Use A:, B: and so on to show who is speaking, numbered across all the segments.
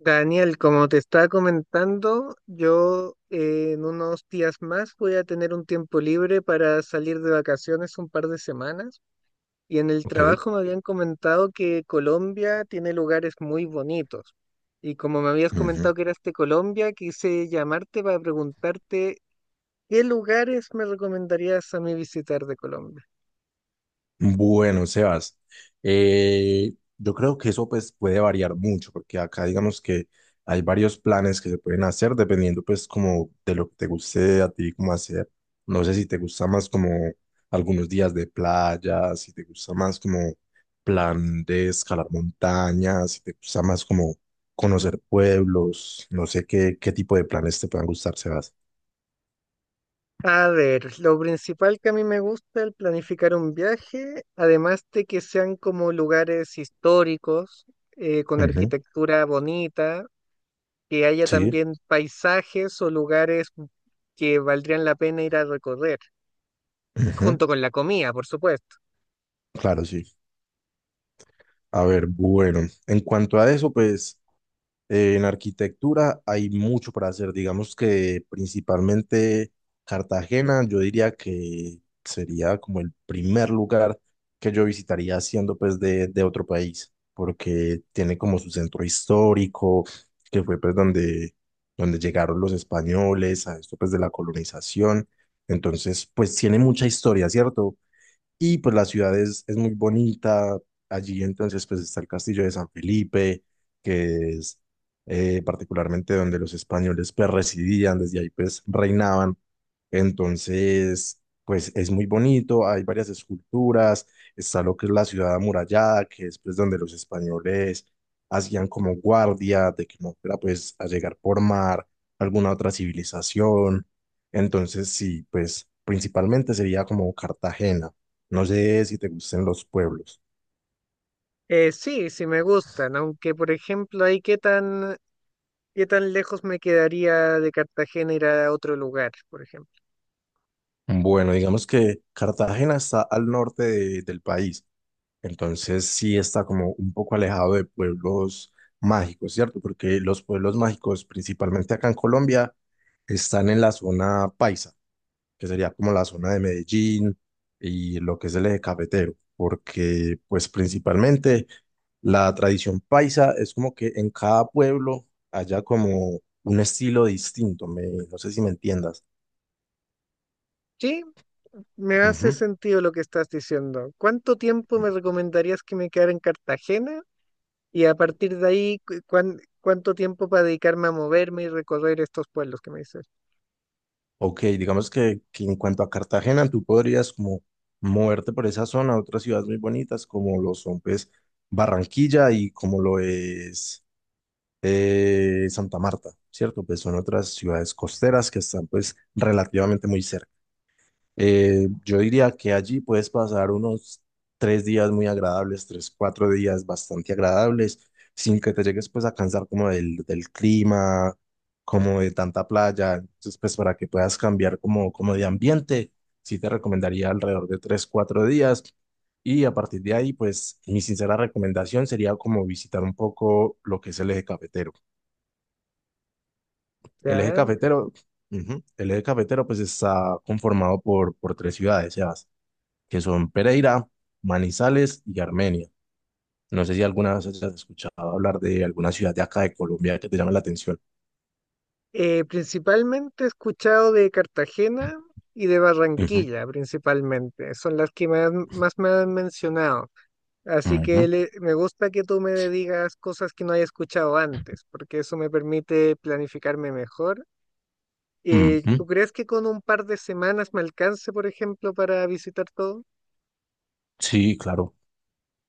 A: Daniel, como te estaba comentando, yo en unos días más voy a tener un tiempo libre para salir de vacaciones un par de semanas y en el
B: Ok.
A: trabajo me habían comentado que Colombia tiene lugares muy bonitos, y como me habías
B: Ujú.
A: comentado que eras de Colombia, quise llamarte para preguntarte qué lugares me recomendarías a mí visitar de Colombia.
B: Bueno, Sebas, yo creo que eso pues puede variar mucho, porque acá digamos que hay varios planes que se pueden hacer dependiendo pues como de lo que te guste a ti como hacer. No sé si te gusta más como algunos días de playa, si te gusta más como plan de escalar montañas, si te gusta más como conocer pueblos, no sé qué, qué tipo de planes te puedan gustar, Sebas.
A: A ver, lo principal que a mí me gusta al planificar un viaje, además de que sean como lugares históricos, con
B: Ujú.
A: arquitectura bonita, que haya
B: Sí,
A: también paisajes o lugares que valdrían la pena ir a recorrer,
B: ujú.
A: junto con la comida, por supuesto.
B: Claro, sí. A ver, bueno, en cuanto a eso, pues en arquitectura hay mucho para hacer. Digamos que principalmente Cartagena, yo diría que sería como el primer lugar que yo visitaría siendo pues de otro país, porque tiene como su centro histórico, que fue pues donde, donde llegaron los españoles a esto pues de la colonización. Entonces, pues tiene mucha historia, ¿cierto? Y pues la ciudad es muy bonita. Allí entonces pues está el castillo de San Felipe, que es particularmente donde los españoles pues residían, desde ahí pues reinaban. Entonces pues es muy bonito, hay varias esculturas, está lo que es la ciudad amurallada, que es pues donde los españoles hacían como guardia de que no fuera pues a llegar por mar alguna otra civilización. Entonces sí, pues principalmente sería como Cartagena. No sé si te gusten los pueblos.
A: Sí, sí me gustan, aunque por ejemplo, ahí qué tan lejos me quedaría de Cartagena ir a otro lugar, por ejemplo.
B: Bueno, digamos que Cartagena está al norte del país, entonces sí está como un poco alejado de pueblos mágicos, ¿cierto? Porque los pueblos mágicos, principalmente acá en Colombia, están en la zona paisa, que sería como la zona de Medellín y lo que es el eje cafetero, porque pues principalmente la tradición paisa es como que en cada pueblo haya como un estilo distinto, no sé si me entiendas.
A: Sí, me hace
B: Ujú.
A: sentido lo que estás diciendo. ¿Cuánto tiempo me recomendarías que me quedara en Cartagena? Y a partir de ahí, ¿cuánto tiempo para dedicarme a moverme y recorrer estos pueblos que me dices?
B: Ok, digamos que en cuanto a Cartagena, tú podrías como moverte por esa zona a otras ciudades muy bonitas como lo son pues Barranquilla y como lo es Santa Marta, ¿cierto? Pues son otras ciudades costeras que están pues relativamente muy cerca. Yo diría que allí puedes pasar unos tres días muy agradables, tres, cuatro días bastante agradables, sin que te llegues pues a cansar como del clima, como de tanta playa. Entonces pues para que puedas cambiar como, como de ambiente, sí te recomendaría alrededor de tres, cuatro días. Y a partir de ahí pues mi sincera recomendación sería como visitar un poco lo que es el eje cafetero. El eje
A: Ya.
B: cafetero, ujú, el eje cafetero pues está conformado por tres ciudades, ya que son Pereira, Manizales y Armenia. No sé si alguna vez has escuchado hablar de alguna ciudad de acá de Colombia que te llame la atención.
A: Principalmente he escuchado de Cartagena y de
B: Ujú,
A: Barranquilla, principalmente. Son las que más me han mencionado. Así que
B: ujú,
A: me gusta que tú me digas cosas que no haya escuchado antes, porque eso me permite planificarme mejor.
B: ujú.
A: ¿Tú crees que con un par de semanas me alcance, por ejemplo, para visitar todo?
B: Sí, claro,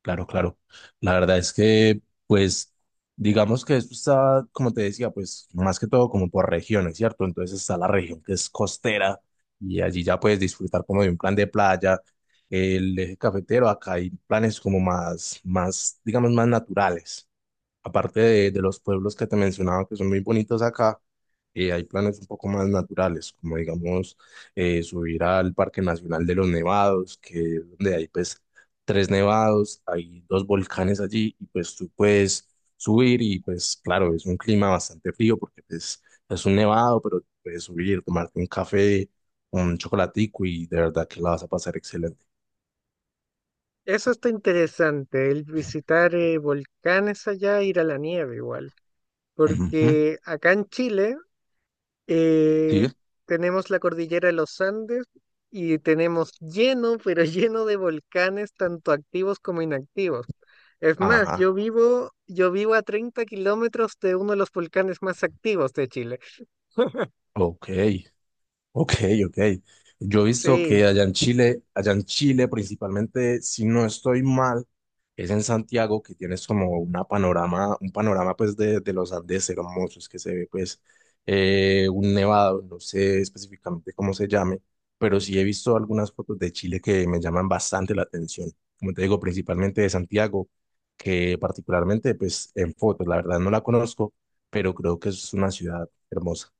B: claro, claro. La verdad es que, pues, digamos que esto está, como te decía, pues, más que todo como por regiones, ¿cierto? Entonces está la región que es costera y allí ya puedes disfrutar como de un plan de playa. El eje cafetero, acá hay planes como más, más, digamos, más naturales. Aparte de los pueblos que te mencionaba que son muy bonitos acá, hay planes un poco más naturales, como digamos subir al Parque Nacional de los Nevados, que es donde hay pues tres nevados, hay dos volcanes allí y pues tú puedes subir y pues claro, es un clima bastante frío porque pues es un nevado, pero puedes subir, tomarte un café, un chocolatico y de verdad que la vas a pasar excelente.
A: Eso está interesante, el visitar volcanes allá, ir a la nieve igual,
B: Ujú,
A: porque acá en Chile
B: sí.
A: eh, tenemos la cordillera de los Andes y tenemos lleno, pero lleno de volcanes, tanto activos como inactivos. Es más,
B: Ajá,
A: yo vivo a 30 kilómetros de uno de los volcanes más activos de Chile.
B: ok. Ok, ok. Yo he visto
A: Sí,
B: que allá en Chile principalmente, si no estoy mal, es en Santiago que tienes como una panorama, un panorama pues de los Andes hermosos que se ve pues un nevado, no sé específicamente cómo se llame, pero sí he visto algunas fotos de Chile que me llaman bastante la atención. Como te digo, principalmente de Santiago, que particularmente pues en fotos, la verdad no la conozco, pero creo que es una ciudad hermosa.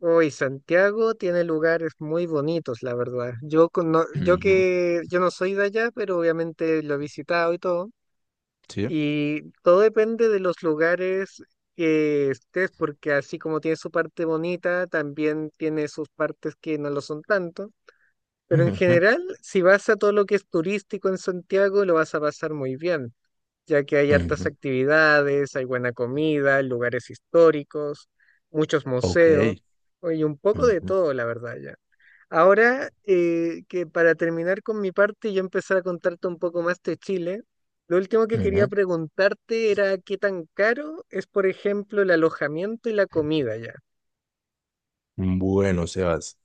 A: hoy Santiago tiene lugares muy bonitos, la verdad. Yo yo
B: Ujú,
A: que yo no soy de allá, pero obviamente lo he visitado y todo.
B: sí.
A: Y todo depende de los lugares que estés, porque así como tiene su parte bonita, también tiene sus partes que no lo son tanto. Pero en
B: Ujú.
A: general, si vas a todo lo que es turístico en Santiago, lo vas a pasar muy bien, ya que hay hartas
B: Ujú,
A: actividades, hay buena comida, lugares históricos, muchos museos,
B: ok.
A: y un poco de
B: Ujú,
A: todo, la verdad, ya. Ahora que para terminar con mi parte, y yo empezar a contarte un poco más de Chile. Lo último que quería
B: ujú.
A: preguntarte era qué tan caro es, por ejemplo, el alojamiento y la comida, ya.
B: Bueno, Sebas,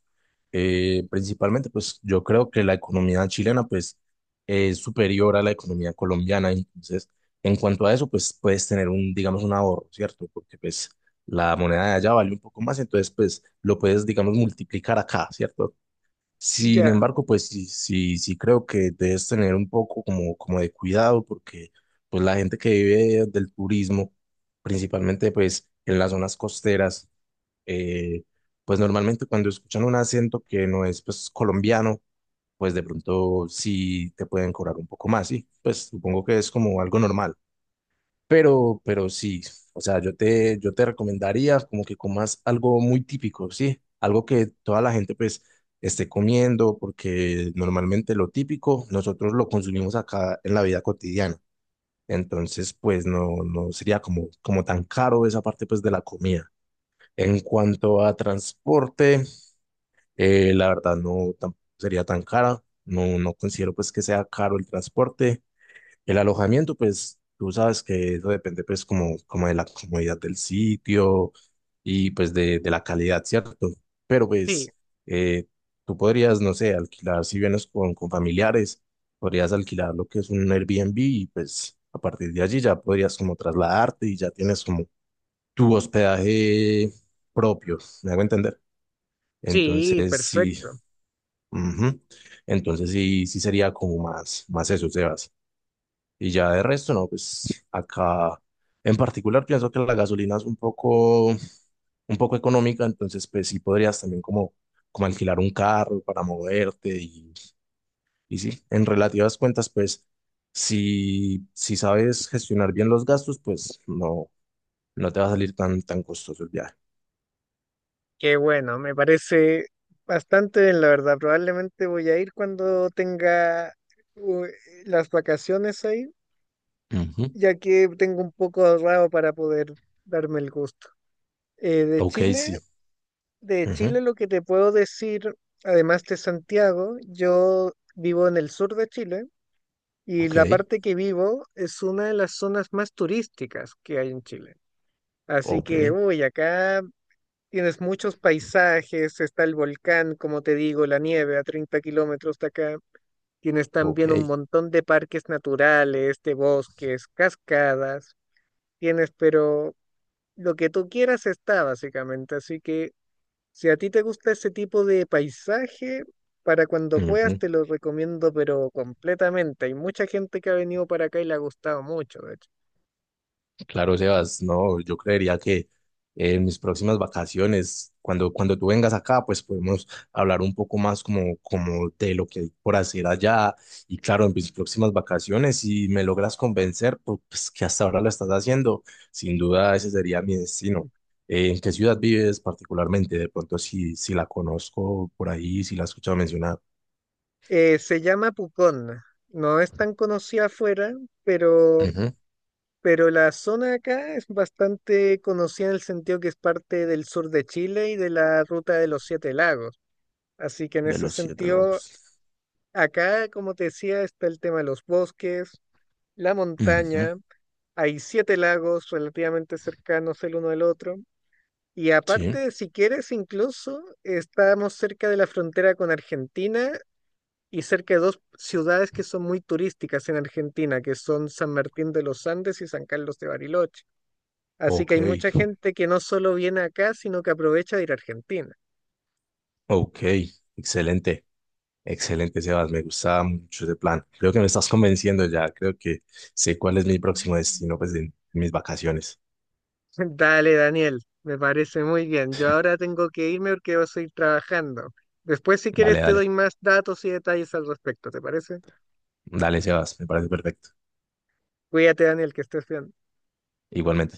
B: principalmente pues yo creo que la economía chilena pues es superior a la economía colombiana, entonces en cuanto a eso pues puedes tener un, digamos, un ahorro, ¿cierto? Porque pues la moneda de allá vale un poco más, entonces pues lo puedes, digamos, multiplicar acá, ¿cierto? Sin
A: Ya.
B: embargo, pues sí creo que debes tener un poco como, como de cuidado porque pues la gente que vive del turismo, principalmente pues en las zonas costeras, eh, pues normalmente cuando escuchan un acento que no es pues colombiano, pues de pronto sí te pueden cobrar un poco más, y pues supongo que es como algo normal. Pero sí, o sea, yo te recomendaría como que comas algo muy típico, ¿sí? Algo que toda la gente pues esté comiendo, porque normalmente lo típico nosotros lo consumimos acá en la vida cotidiana. Entonces, pues no, no sería como, como tan caro esa parte pues de la comida. En cuanto a transporte, la verdad no tam- sería tan cara. No, no considero pues que sea caro el transporte. El alojamiento, pues tú sabes que eso depende pues como, como de la comodidad del sitio y pues de la calidad, ¿cierto? Pero
A: Sí,
B: pues eh, tú podrías, no sé, alquilar, si vienes con familiares, podrías alquilar lo que es un Airbnb y pues a partir de allí ya podrías como trasladarte y ya tienes como tu hospedaje propio, ¿me hago entender?
A: sí,
B: Entonces sí,
A: perfecto.
B: ujú. Entonces sí, sí sería como más, más eso, Sebas. Y ya de resto, no, pues acá en particular pienso que la gasolina es un poco económica, entonces pues sí podrías también como, como alquilar un carro para moverte y sí, en relativas cuentas, pues si, si sabes gestionar bien los gastos, pues no, no te va a salir tan, tan costoso el viaje.
A: Qué bueno, me parece bastante bien, la verdad. Probablemente voy a ir cuando tenga u- las vacaciones ahí,
B: Ujú.
A: ya que tengo un poco ahorrado para poder darme el gusto. Eh, de
B: Ok,
A: Chile,
B: sí.
A: de
B: Ujú,
A: Chile lo que te puedo decir, además de Santiago, yo vivo en el sur de Chile y
B: ok,
A: la parte que vivo es una de las zonas más turísticas que hay en Chile. Así
B: ok,
A: que, uy, acá tienes muchos paisajes, está el volcán, como te digo, la nieve a 30 kilómetros de acá. Tienes
B: ok.
A: también un montón de parques naturales, de bosques, cascadas. Tienes, pero lo que tú quieras está básicamente. Así que si a ti te gusta ese tipo de paisaje, para cuando puedas
B: Ujú.
A: te lo recomiendo, pero completamente. Hay mucha gente que ha venido para acá y le ha gustado mucho, de hecho.
B: Claro, Sebas, no, yo creería que en mis próximas vacaciones, cuando tú vengas acá, pues podemos hablar un poco más como, como de lo que hay por hacer allá. Y claro, en mis próximas vacaciones, si me logras convencer, pues que hasta ahora lo estás haciendo, sin duda ese sería mi destino. ¿En qué ciudad vives particularmente? De pronto, si, si la conozco por ahí, si la he escuchado mencionar.
A: Se llama Pucón. No es tan conocida afuera, pero
B: Ujú,
A: pero la zona acá es bastante conocida en el sentido que es parte del sur de Chile y de la ruta de los Siete Lagos. Así que en
B: de
A: ese
B: los siete
A: sentido,
B: lagos.
A: acá, como te decía, está el tema de los bosques, la
B: Ujú,
A: montaña, hay siete lagos relativamente cercanos el uno del otro. Y
B: sí,
A: aparte, si quieres, incluso estamos cerca de la frontera con Argentina y cerca de dos ciudades que son muy turísticas en Argentina, que son San Martín de los Andes y San Carlos de Bariloche. Así que
B: ok,
A: hay mucha gente que no solo viene acá, sino que aprovecha de ir a Argentina.
B: ok, excelente. Excelente, Sebas, me gustaba mucho ese plan. Creo que me estás convenciendo ya, creo que sé cuál es mi próximo destino, pues en mis vacaciones.
A: Dale, Daniel, me parece muy bien. Yo ahora tengo que irme porque voy a seguir trabajando. Después, si
B: Dale,
A: quieres, te
B: dale,
A: doy más datos y detalles al respecto, ¿te parece?
B: dale, Sebas, me parece perfecto.
A: Cuídate, Daniel, que estés bien.
B: Igualmente.